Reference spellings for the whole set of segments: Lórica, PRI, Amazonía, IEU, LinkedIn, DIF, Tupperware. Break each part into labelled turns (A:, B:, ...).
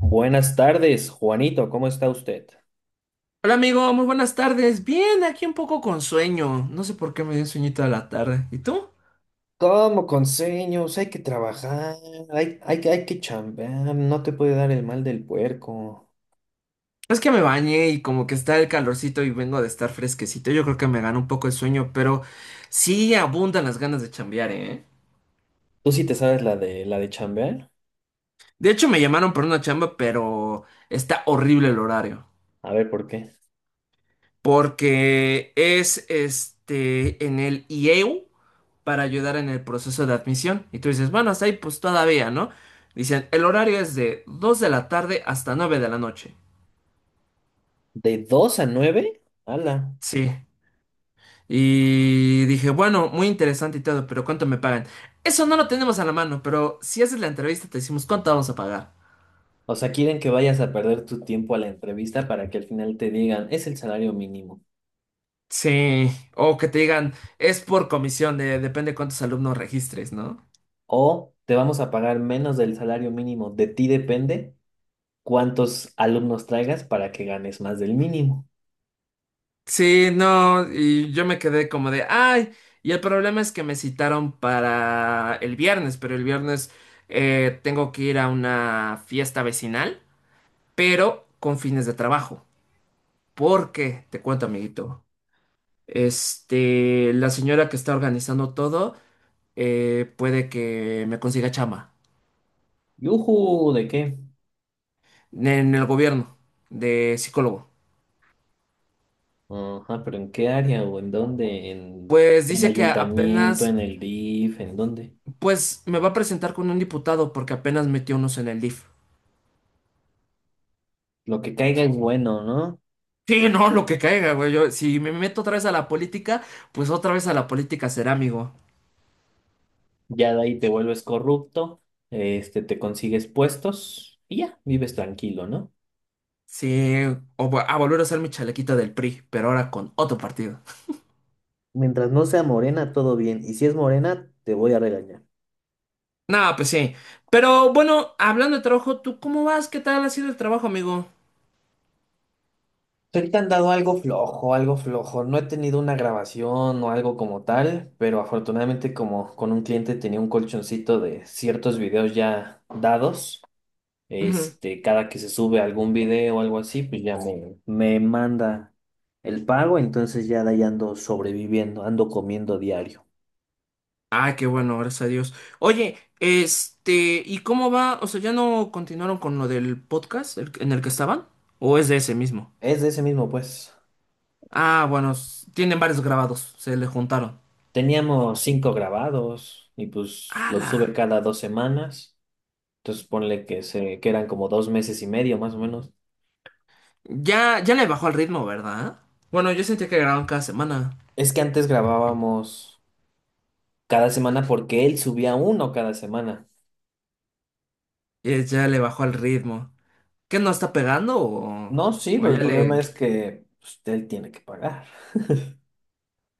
A: Buenas tardes, Juanito, ¿cómo está usted?
B: Hola amigo, muy buenas tardes. Bien, aquí un poco con sueño. No sé por qué me dio sueñito a la tarde. ¿Y tú?
A: Como con sueños, hay que trabajar, hay que chambear, no te puede dar el mal del puerco.
B: Es que me bañé y como que está el calorcito y vengo de estar fresquecito. Yo creo que me gana un poco el sueño, pero sí abundan las ganas de chambear, ¿eh?
A: ¿Tú sí te sabes la de chambear?
B: De hecho, me llamaron por una chamba, pero está horrible el horario.
A: A ver, ¿por qué?
B: Porque es en el IEU para ayudar en el proceso de admisión. Y tú dices, bueno, hasta ahí pues todavía, ¿no? Dicen, el horario es de 2 de la tarde hasta 9 de la noche.
A: ¿De 2 a nueve? ¡Hala!
B: Sí. Y dije, bueno, muy interesante y todo, pero ¿cuánto me pagan? Eso no lo tenemos a la mano, pero si haces la entrevista te decimos cuánto vamos a pagar.
A: O sea, quieren que vayas a perder tu tiempo a la entrevista para que al final te digan, es el salario mínimo.
B: Sí, o que te digan, es por comisión, depende cuántos alumnos registres, ¿no?
A: O te vamos a pagar menos del salario mínimo. De ti depende cuántos alumnos traigas para que ganes más del mínimo.
B: Sí, no, y yo me quedé como de, ay, y el problema es que me citaron para el viernes, pero el viernes tengo que ir a una fiesta vecinal, pero con fines de trabajo. Porque, te cuento, amiguito. La señora que está organizando todo puede que me consiga chamba
A: ¡Yujú! ¿De qué?
B: en el gobierno de psicólogo.
A: Ajá, pero ¿en qué área o en dónde? ¿En,
B: Pues
A: en
B: dice que
A: ayuntamiento, en
B: apenas,
A: el DIF, en dónde?
B: pues me va a presentar con un diputado porque apenas metió unos en el DIF.
A: Lo que caiga es bueno, ¿no?
B: Sí, no, lo que caiga, güey. Yo, si me meto otra vez a la política, pues otra vez a la política será, amigo.
A: Ya de ahí te vuelves corrupto, este, te consigues puestos y ya, vives tranquilo, ¿no?
B: Sí, a volver a usar mi chalequita del PRI, pero ahora con otro partido.
A: Mientras no sea morena, todo bien. Y si es morena, te voy a regañar.
B: Nada, pues sí. Pero bueno, hablando de trabajo, ¿tú cómo vas? ¿Qué tal ha sido el trabajo, amigo?
A: Ahorita han dado algo flojo, algo flojo. No he tenido una grabación o algo como tal, pero afortunadamente como con un cliente tenía un colchoncito de ciertos videos ya dados.
B: Ujú.
A: Este, cada que se sube algún video o algo así, pues ya me manda el pago, entonces ya de ahí ando sobreviviendo, ando comiendo diario.
B: Ah, qué bueno, gracias a Dios. Oye, ¿y cómo va? O sea, ¿ya no continuaron con lo del podcast en el que estaban? ¿O es de ese mismo?
A: Es de ese mismo, pues.
B: Ah, bueno, tienen varios grabados, se le juntaron.
A: Teníamos cinco grabados y pues los
B: ¡Hala!
A: sube cada 2 semanas. Entonces ponle que eran como 2 meses y medio más o menos.
B: Ya, ya le bajó al ritmo, ¿verdad? Bueno, yo sentía que grababan cada semana.
A: Es que antes grabábamos cada semana porque él subía uno cada semana.
B: Y ya le bajó al ritmo. ¿Qué no está pegando? O,
A: No, sí,
B: o
A: pero
B: ya
A: el problema
B: le.
A: es que pues, él tiene que pagar.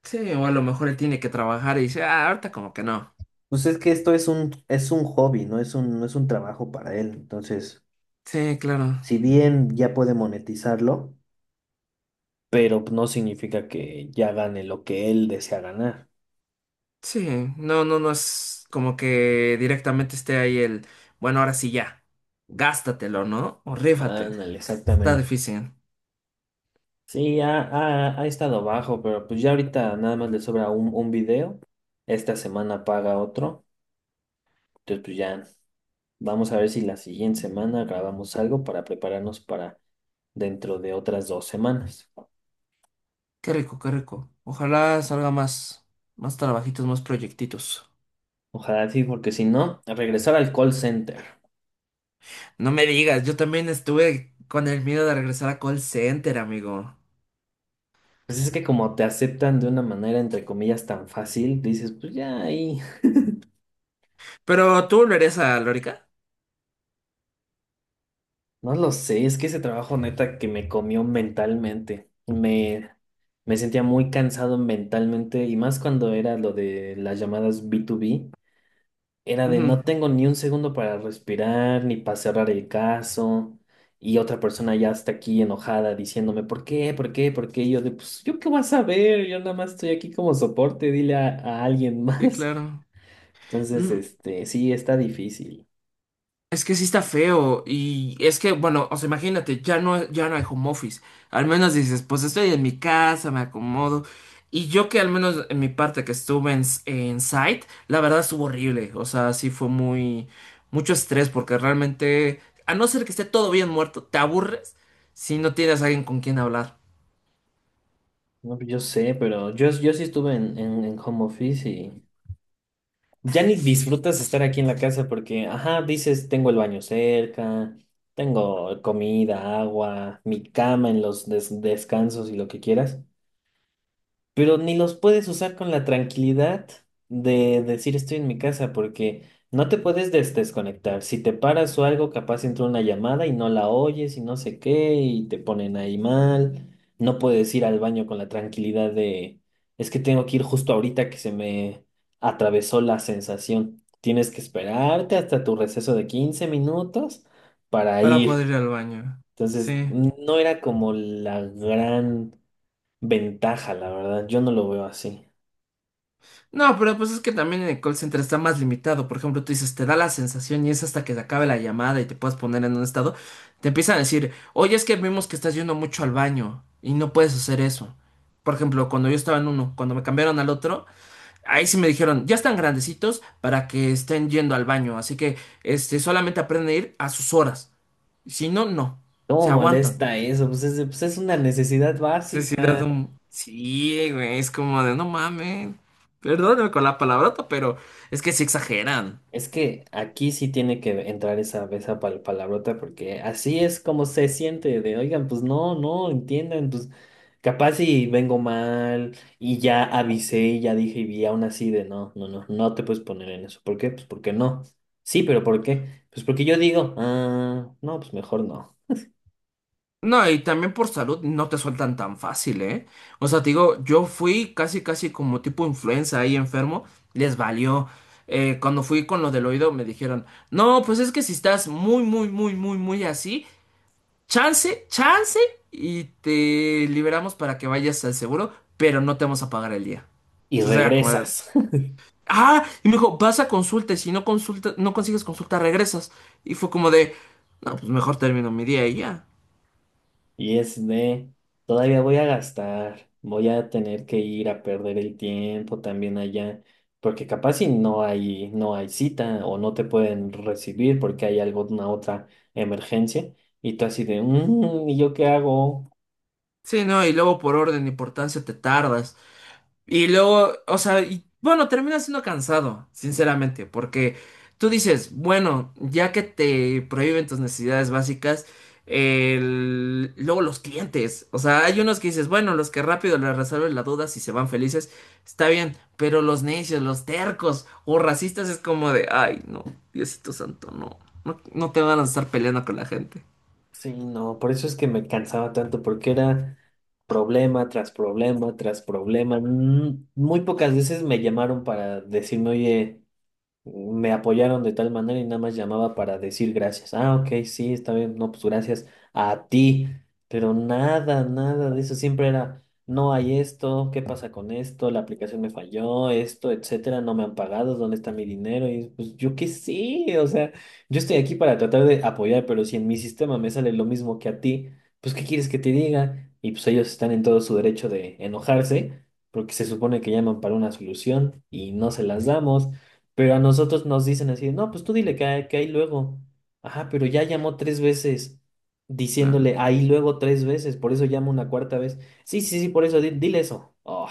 B: Sí, o a lo mejor él tiene que trabajar y dice, ah, ahorita como que no.
A: Pues es que esto es un hobby, no es un trabajo para él. Entonces,
B: Sí, claro.
A: si bien ya puede monetizarlo, pero no significa que ya gane lo que él desea ganar.
B: Sí, no es como que directamente esté ahí el, bueno, ahora sí ya, gástatelo, ¿no? O rífate,
A: Ándale,
B: está
A: exactamente.
B: difícil.
A: Sí, ha estado bajo, pero pues ya ahorita nada más le sobra un video. Esta semana paga otro. Entonces, pues ya vamos a ver si la siguiente semana grabamos algo para prepararnos para dentro de otras 2 semanas.
B: Qué rico, qué rico. Ojalá salga más, más trabajitos, más proyectitos.
A: Ojalá sí, porque si no, a regresar al call center.
B: No me digas, yo también estuve con el miedo de regresar a call center, amigo.
A: Pues es que como te aceptan de una manera entre comillas tan fácil, dices, pues ya ahí,
B: ¿Pero tú volverías a Lórica?
A: no lo sé, es que ese trabajo neta que me comió mentalmente, me sentía muy cansado mentalmente y más cuando era lo de las llamadas B2B, era de
B: Ujú.
A: no tengo ni un segundo para respirar ni para cerrar el caso y otra persona ya está aquí enojada diciéndome, ¿por qué? ¿Por qué? ¿Por qué? Y yo de, pues yo qué vas a ver, yo nada más estoy aquí como soporte, dile a alguien
B: Sí,
A: más.
B: claro.
A: Entonces,
B: Mm.
A: este, sí, está difícil.
B: Es que sí está feo y es que, bueno, o sea, imagínate, ya no hay home office. Al menos dices, pues estoy en mi casa, me acomodo. Y yo que al menos en mi parte que estuve en, en site, la verdad estuvo horrible. O sea, sí fue muy, mucho estrés porque realmente, a no ser que esté todo bien muerto, te aburres si no tienes a alguien con quien hablar
A: No, pues, yo sé, pero yo sí estuve en home office y ya ni disfrutas estar aquí en la casa porque, ajá, dices, tengo el baño cerca, tengo comida, agua, mi cama en los descansos y lo que quieras, pero ni los puedes usar con la tranquilidad de decir estoy en mi casa, porque no te puedes desconectar. Si te paras o algo, capaz entra una llamada y no la oyes y no sé qué, y te ponen ahí mal. No puedes ir al baño con la tranquilidad de, es que tengo que ir justo ahorita que se me atravesó la sensación. Tienes que esperarte hasta tu receso de 15 minutos para
B: para
A: ir.
B: poder ir al baño.
A: Entonces,
B: Sí.
A: no era como la gran ventaja, la verdad. Yo no lo veo así.
B: No, pero pues es que también en el call center está más limitado. Por ejemplo, tú dices, te da la sensación y es hasta que se acabe la llamada y te puedas poner en un estado. Te empiezan a decir, oye, es que vimos que estás yendo mucho al baño y no puedes hacer eso. Por ejemplo, cuando yo estaba en uno, cuando me cambiaron al otro, ahí sí me dijeron, ya están grandecitos para que estén yendo al baño. Así que, solamente aprenden a ir a sus horas. Si no, no.
A: ¿Cómo
B: Se aguantan.
A: molesta eso? Pues es una necesidad
B: Sí, sí,
A: básica.
B: sí, güey, es como de no mames. Perdóname con la palabrota, pero es que sí exageran.
A: Es que aquí sí tiene que entrar esa palabrota porque así es como se siente de, oigan, pues no, no, entiendan, pues capaz si vengo mal y ya avisé y ya dije y vi aún así de, no, no, no, no te puedes poner en eso. ¿Por qué? Pues porque no. Sí, pero ¿por qué? Pues porque yo digo, ah, no, pues mejor no.
B: No, y también por salud no te sueltan tan fácil, ¿eh? O sea, te digo, yo fui casi, casi como tipo influenza ahí enfermo, les valió. Cuando fui con lo del oído me dijeron, no, pues es que si estás muy, muy, muy, muy, muy así, chance, chance, y te liberamos para que vayas al seguro, pero no te vamos a pagar el día.
A: Y
B: Entonces era como, de,
A: regresas.
B: Ah, y me dijo, vas a consulta, y si no consulta, no consigues consulta, regresas. Y fue como de, no, pues mejor termino mi día y ya.
A: Y es de, todavía voy a gastar, voy a tener que ir a perder el tiempo también allá, porque capaz si no hay cita o no te pueden recibir porque hay alguna otra emergencia y tú así de, "Mm, ¿y yo qué hago?"
B: Sí, no, y luego por orden de importancia te tardas. Y luego, o sea, y bueno, termina siendo cansado, sinceramente, porque tú dices, bueno, ya que te prohíben tus necesidades básicas, luego los clientes, o sea, hay unos que dices, bueno, los que rápido les resuelven la duda si se van felices, está bien, pero los necios, los tercos o racistas es como de, ay, no, Diosito Santo, no te van a estar peleando con la gente.
A: Sí, no, por eso es que me cansaba tanto porque era problema tras problema tras problema. Mm, muy pocas veces me llamaron para decirme, oye, me apoyaron de tal manera y nada más llamaba para decir gracias. Ah, ok, sí, está bien, no, pues gracias a ti, pero nada, nada de eso, siempre era, no hay esto, ¿qué pasa con esto? La aplicación me falló, esto, etcétera, no me han pagado, ¿dónde está mi dinero? Y pues yo qué sé, o sea, yo estoy aquí para tratar de apoyar, pero si en mi sistema me sale lo mismo que a ti, pues ¿qué quieres que te diga? Y pues ellos están en todo su derecho de enojarse. Porque se supone que llaman para una solución y no se las damos. Pero a nosotros nos dicen así, no, pues tú dile que, que ahí luego. Ajá, pero ya llamó tres veces diciéndole
B: Claro.
A: ahí luego tres veces, por eso llama una cuarta vez. Sí, sí, sí, por eso, dile eso. Oh.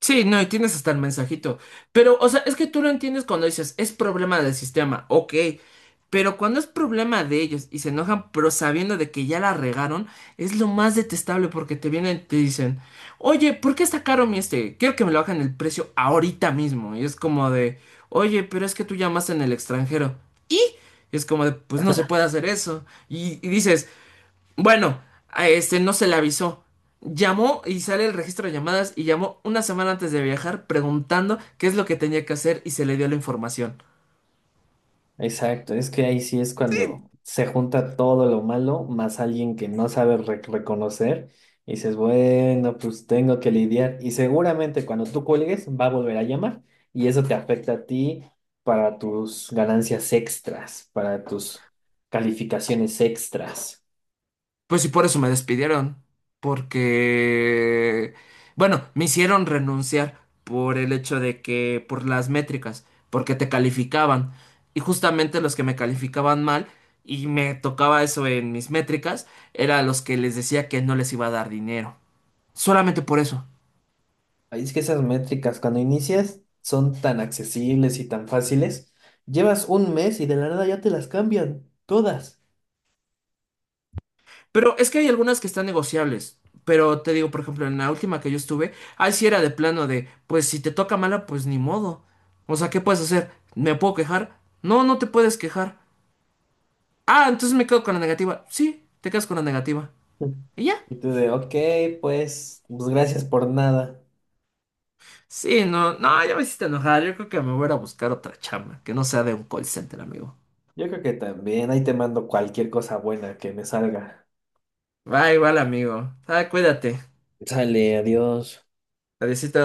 B: Sí, no, y tienes hasta el mensajito. Pero, o sea, es que tú lo entiendes cuando dices, es problema del sistema, ok. Pero cuando es problema de ellos y se enojan, pero sabiendo de que ya la regaron, es lo más detestable porque te vienen y te dicen, oye, ¿por qué está caro mi este? Quiero que me lo bajen el precio ahorita mismo. Y es como de, oye, pero es que tú llamas en el extranjero. Y es como de, pues no se puede hacer eso. Y dices, bueno, a este no se le avisó. Llamó y sale el registro de llamadas y llamó una semana antes de viajar preguntando qué es lo que tenía que hacer y se le dio la información.
A: Exacto, es que ahí sí es
B: Sí.
A: cuando se junta todo lo malo más alguien que no sabe reconocer y dices, bueno, pues tengo que lidiar y seguramente cuando tú cuelgues va a volver a llamar y eso te afecta a ti para tus ganancias extras, para tus calificaciones extras.
B: Pues sí por eso me despidieron. Porque... Bueno, me hicieron renunciar por el hecho de que... por las métricas, porque te calificaban. Y justamente los que me calificaban mal y me tocaba eso en mis métricas, era los que les decía que no les iba a dar dinero. Solamente por eso.
A: Ahí es que esas métricas cuando inicias son tan accesibles y tan fáciles, llevas un mes y de la nada ya te las cambian todas.
B: Pero es que hay algunas que están negociables. Pero te digo, por ejemplo, en la última que yo estuve, ahí sí era de plano de, pues si te toca mala, pues ni modo. O sea, ¿qué puedes hacer? ¿Me puedo quejar? No, no te puedes quejar. Ah, entonces me quedo con la negativa. Sí, te quedas con la negativa. Y ya.
A: Y tú de, ok, pues gracias por nada.
B: Sí, no, no, ya me hiciste enojar. Yo creo que me voy a ir a buscar otra chamba, que no sea de un call center, amigo.
A: Yo creo que también ahí te mando cualquier cosa buena que me salga.
B: Bye, igual, amigo. Ah, cuídate.
A: Sale, adiós.
B: Adiósito.